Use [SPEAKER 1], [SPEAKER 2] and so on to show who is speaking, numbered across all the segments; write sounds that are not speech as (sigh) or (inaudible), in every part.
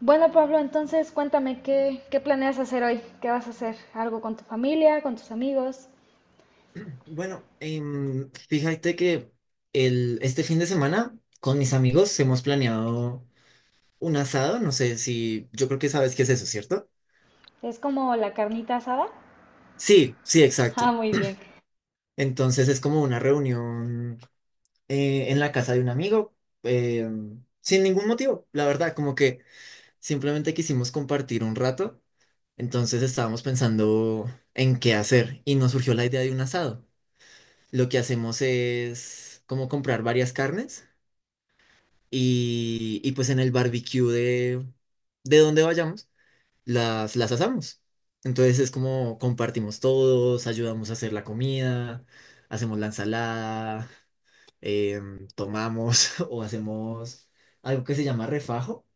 [SPEAKER 1] Bueno, Pablo, entonces cuéntame qué planeas hacer hoy, qué vas a hacer, algo con tu familia, con tus amigos,
[SPEAKER 2] Bueno, fíjate que este fin de semana con mis amigos hemos planeado un asado. No sé si, yo creo que sabes qué es eso, ¿cierto?
[SPEAKER 1] es como la carnita asada. (laughs)
[SPEAKER 2] Sí, sí,
[SPEAKER 1] Ah,
[SPEAKER 2] exacto.
[SPEAKER 1] muy bien.
[SPEAKER 2] Entonces es como una reunión en la casa de un amigo, sin ningún motivo, la verdad, como que simplemente quisimos compartir un rato. Entonces estábamos pensando en qué hacer y nos surgió la idea de un asado. Lo que hacemos es como comprar varias carnes, y pues en el barbecue de donde vayamos, las asamos. Entonces es como compartimos todos, ayudamos a hacer la comida, hacemos la ensalada, tomamos (laughs) o hacemos algo que se llama refajo,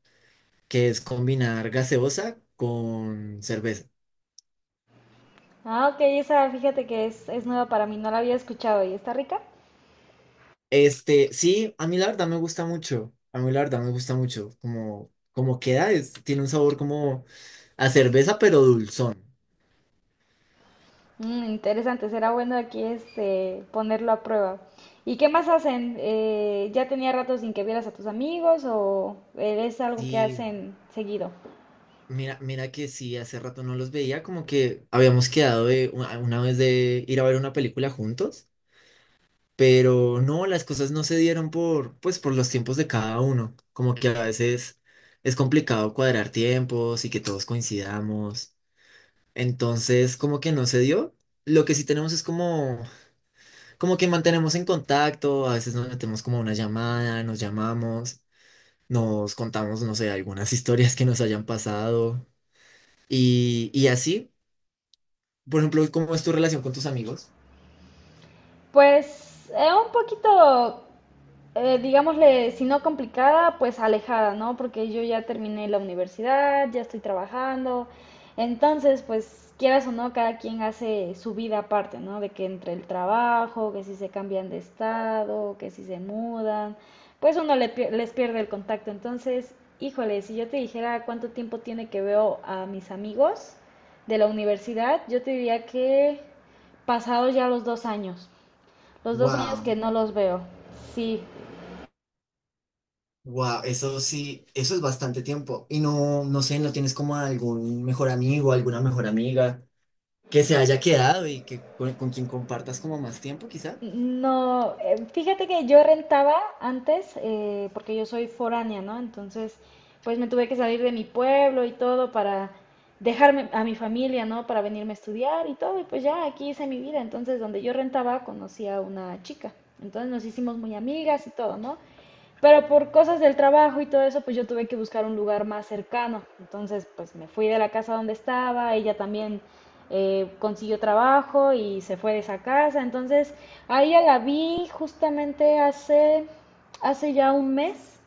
[SPEAKER 2] que es combinar gaseosa con cerveza.
[SPEAKER 1] Ah, ok, esa fíjate que es nueva para mí, no la había escuchado y está rica.
[SPEAKER 2] Este, sí, a mí la verdad me gusta mucho, a mí la verdad me gusta mucho, como, como queda, es, tiene un sabor como a cerveza pero dulzón.
[SPEAKER 1] Mm, interesante, será bueno aquí este ponerlo a prueba. ¿Y qué más hacen? ¿Ya tenía rato sin que vieras a tus amigos o es algo que
[SPEAKER 2] Sí,
[SPEAKER 1] hacen seguido?
[SPEAKER 2] mira, mira que sí, hace rato no los veía, como que habíamos quedado de una vez de ir a ver una película juntos, pero no, las cosas no se dieron por, pues, por los tiempos de cada uno, como que a veces es complicado cuadrar tiempos y que todos coincidamos. Entonces como que no se dio, lo que sí tenemos es como, como que mantenemos en contacto, a veces nos metemos como una llamada, nos llamamos, nos contamos, no sé, algunas (laughs) historias que nos hayan pasado. Y así, por ejemplo, ¿cómo es tu relación con tus amigos?
[SPEAKER 1] Pues un poquito, digámosle, si no complicada, pues alejada, ¿no? Porque yo ya terminé la universidad, ya estoy trabajando, entonces, pues quieras o no, cada quien hace su vida aparte, ¿no? De que entre el trabajo, que si se cambian de estado, que si se mudan, pues uno les pierde el contacto. Entonces, híjole, si yo te dijera cuánto tiempo tiene que veo a mis amigos de la universidad, yo te diría que pasados ya los 2 años. Los dos años que
[SPEAKER 2] Wow,
[SPEAKER 1] no los veo. Sí.
[SPEAKER 2] wow, eso sí, eso es bastante tiempo. Y no, no sé, ¿no tienes como algún mejor amigo, alguna mejor amiga que se haya quedado y que con quien compartas como más tiempo, quizá?
[SPEAKER 1] No, fíjate que yo rentaba antes, porque yo soy foránea, ¿no? Entonces, pues me tuve que salir de mi pueblo y todo para dejarme a mi familia, ¿no? Para venirme a estudiar y todo, y pues ya aquí hice mi vida. Entonces, donde yo rentaba, conocí a una chica. Entonces nos hicimos muy amigas y todo, ¿no? Pero por cosas del trabajo y todo eso, pues yo tuve que buscar un lugar más cercano. Entonces, pues me fui de la casa donde estaba, ella también consiguió trabajo y se fue de esa casa. Entonces, a ella la vi justamente hace ya un mes,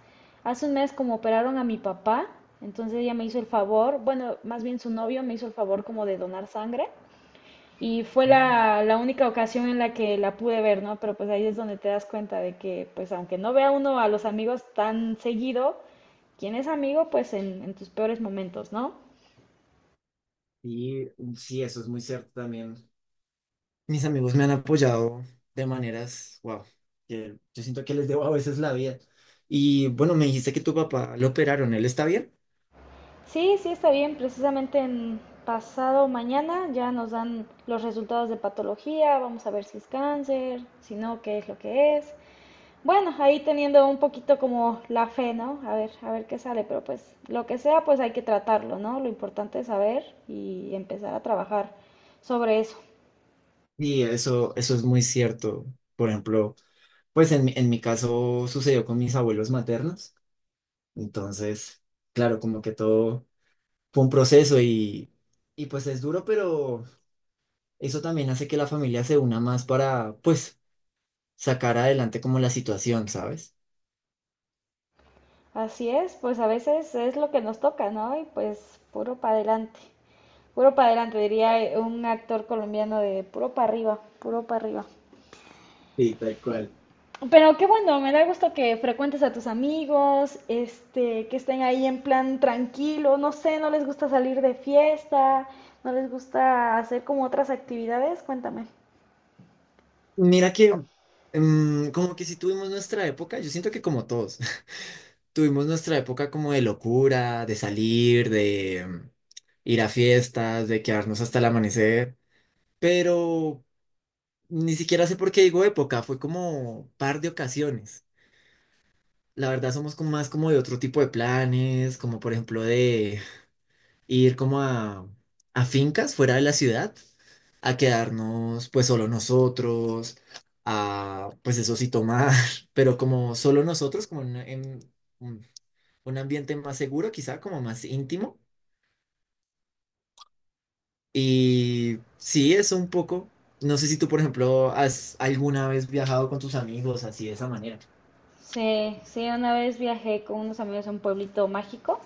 [SPEAKER 1] hace un mes como operaron a mi papá. Entonces ella me hizo el favor, bueno, más bien su novio me hizo el favor como de donar sangre. Y fue
[SPEAKER 2] Ah,
[SPEAKER 1] la única ocasión en la que la pude ver, ¿no? Pero pues ahí es donde te das cuenta de que, pues aunque no vea uno a los amigos tan seguido, quien es amigo, pues en tus peores momentos, ¿no?
[SPEAKER 2] sí, sí, eso es muy cierto también. Mis amigos me han, mm, apoyado de maneras, wow, que yo siento que les debo a veces la vida. Y bueno, me dijiste que tu papá lo operaron, ¿él está bien?
[SPEAKER 1] Sí, sí está bien, precisamente en pasado mañana ya nos dan los resultados de patología, vamos a ver si es cáncer, si no, qué es lo que es. Bueno, ahí teniendo un poquito como la fe, ¿no? A ver qué sale, pero pues lo que sea, pues hay que tratarlo, ¿no? Lo importante es saber y empezar a trabajar sobre eso.
[SPEAKER 2] Sí, eso es muy cierto. Por ejemplo, pues en, en mi caso sucedió con mis abuelos maternos, entonces, claro, como que todo fue un proceso y pues es duro, pero eso también hace que la familia se una más para, pues, sacar adelante como la situación, ¿sabes?
[SPEAKER 1] Así es, pues a veces es lo que nos toca, ¿no? Y pues puro para adelante, diría un actor colombiano de puro para arriba, puro para arriba.
[SPEAKER 2] Sí, tal cual.
[SPEAKER 1] Pero qué bueno, me da gusto que frecuentes a tus amigos, que estén ahí en plan tranquilo, no sé, no les gusta salir de fiesta, no les gusta hacer como otras actividades, cuéntame.
[SPEAKER 2] Mira que, mm, como que si tuvimos nuestra época, yo siento que como todos, (laughs) tuvimos nuestra época como de locura, de salir, de, mm, ir a fiestas, de quedarnos hasta el amanecer, pero ni siquiera sé por qué digo época, fue como par de ocasiones. La verdad somos como más como de otro tipo de planes, como por ejemplo de ir como a fincas fuera de la ciudad, a quedarnos pues solo nosotros, a pues eso sí tomar, (laughs) pero como solo nosotros, como en un un ambiente más seguro, quizá como más íntimo. Y sí, eso un poco. No sé si tú, por ejemplo, has alguna vez viajado con tus amigos así de esa manera.
[SPEAKER 1] Sí, sí, una vez viajé con unos amigos a un pueblito mágico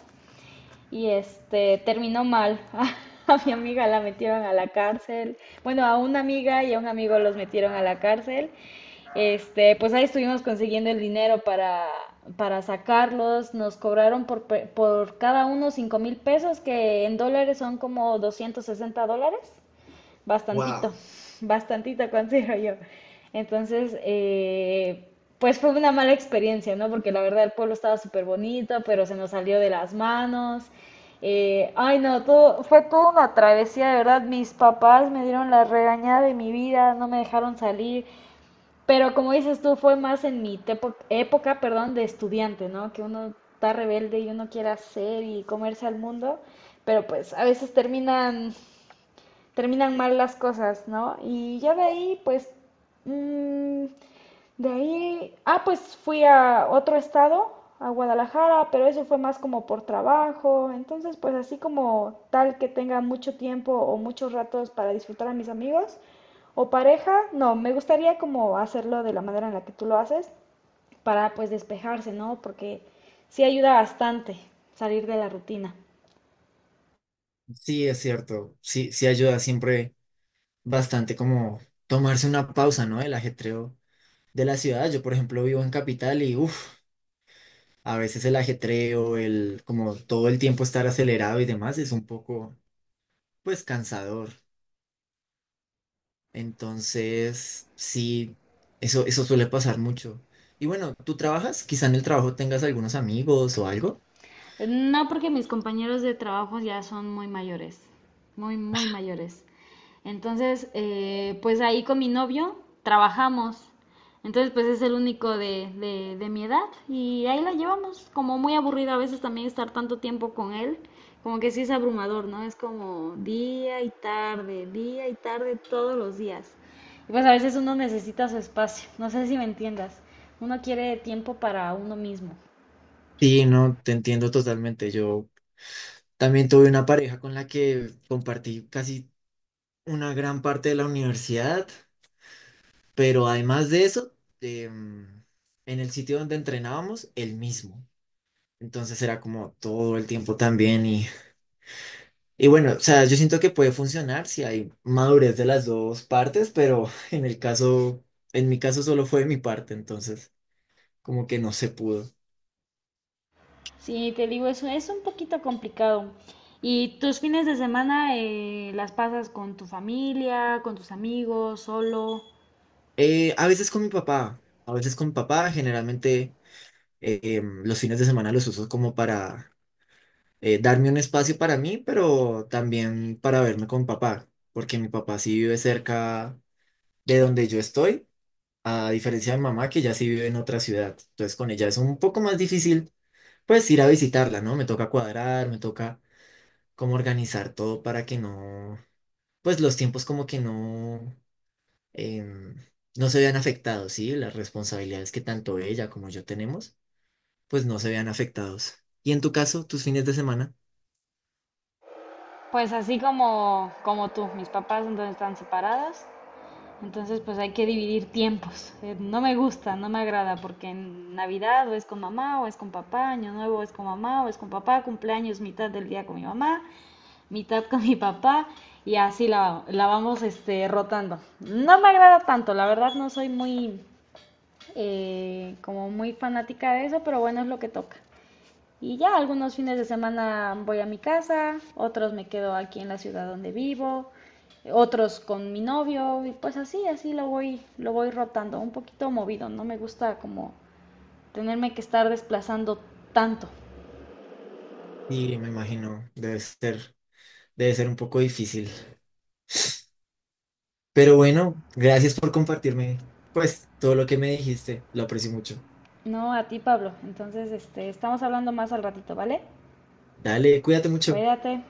[SPEAKER 1] y este terminó mal. (laughs) A mi amiga la metieron a la cárcel. Bueno, a una amiga y a un amigo los metieron a la cárcel. Pues ahí estuvimos consiguiendo el dinero para sacarlos. Nos cobraron por cada uno 5,000 pesos, que en dólares son como 260 dólares bastantito,
[SPEAKER 2] Wow.
[SPEAKER 1] bastantito considero yo. Entonces, pues fue una mala experiencia, ¿no? Porque la verdad el pueblo estaba súper bonito, pero se nos salió de las manos. Ay, no, todo, fue toda una travesía, de verdad. Mis papás me dieron la regañada de mi vida, no me dejaron salir. Pero como dices tú, fue más en mi época, perdón, de estudiante, ¿no? Que uno está rebelde y uno quiere hacer y comerse al mundo, pero pues a veces terminan, mal las cosas, ¿no? Y ya de ahí, pues, mm, de ahí, ah, pues fui a otro estado, a Guadalajara, pero eso fue más como por trabajo, entonces pues así como tal que tenga mucho tiempo o muchos ratos para disfrutar a mis amigos. O pareja, no, me gustaría como hacerlo de la manera en la que tú lo haces para pues despejarse, ¿no? Porque sí ayuda bastante salir de la rutina.
[SPEAKER 2] Sí, es cierto. Sí, sí ayuda siempre bastante como tomarse una pausa, ¿no? El ajetreo de la ciudad. Yo, por ejemplo, vivo en capital y uff, a veces el ajetreo, el como todo el tiempo estar acelerado y demás es un poco, pues, cansador. Entonces, sí, eso suele pasar mucho. Y bueno, ¿tú trabajas? Quizá en el trabajo tengas algunos amigos o algo.
[SPEAKER 1] No, porque mis compañeros de trabajo ya son muy mayores, muy, muy mayores. Entonces, pues ahí con mi novio trabajamos. Entonces, pues es el único de mi edad y ahí la llevamos. Como muy aburrido a veces también estar tanto tiempo con él, como que sí es abrumador, ¿no? Es como día y tarde todos los días. Y pues a veces uno necesita su espacio, no sé si me entiendas. Uno quiere tiempo para uno mismo.
[SPEAKER 2] Sí, no, te entiendo totalmente. Yo también tuve una pareja con la que compartí casi una gran parte de la universidad, pero además de eso, em, en el sitio donde entrenábamos, el mismo. Entonces era como todo el tiempo también y bueno, o sea, yo siento que puede funcionar si hay madurez de las dos partes, pero (laughs) en el caso, en mi caso solo fue de mi parte, entonces como que no se pudo.
[SPEAKER 1] Sí, te digo, eso es un poquito complicado. ¿Y tus fines de semana las pasas con tu familia, con tus amigos, solo?
[SPEAKER 2] A veces con mi papá, a veces con mi papá, generalmente los fines de semana los uso como para darme un espacio para mí, pero también para verme con papá, porque mi papá sí vive cerca de donde yo estoy, a diferencia de mi mamá que ya sí vive en otra ciudad. Entonces con ella es un poco más difícil pues ir a visitarla, ¿no? Me toca cuadrar, me toca como organizar todo para que no, pues los tiempos como que no, em, no se vean afectados, ¿sí? Las responsabilidades que tanto ella como yo tenemos, pues no se vean afectados. Y en tu caso, tus fines de semana,
[SPEAKER 1] Pues así como, como tú, mis papás entonces están separados, entonces pues hay que dividir tiempos. No me gusta, no me agrada, porque en Navidad o es con mamá o es con papá, Año Nuevo es con mamá o es con papá, cumpleaños mitad del día con mi mamá, mitad con (laughs) mi papá y así la vamos rotando. No me agrada tanto, la verdad no soy muy como muy fanática de eso, pero bueno, es lo que toca. Y ya algunos fines de semana voy a mi casa, otros me quedo aquí en la ciudad donde vivo, otros con mi novio y pues así lo voy rotando, un poquito movido, no me gusta como tenerme que estar desplazando tanto.
[SPEAKER 2] y me imagino, debe ser, debe ser un poco difícil. Pero bueno, gracias por compartirme, pues, todo lo que me dijiste. Lo aprecio mucho.
[SPEAKER 1] No, a ti Pablo. Entonces, estamos hablando más al ratito, ¿vale?
[SPEAKER 2] Dale, cuídate mucho.
[SPEAKER 1] Cuídate.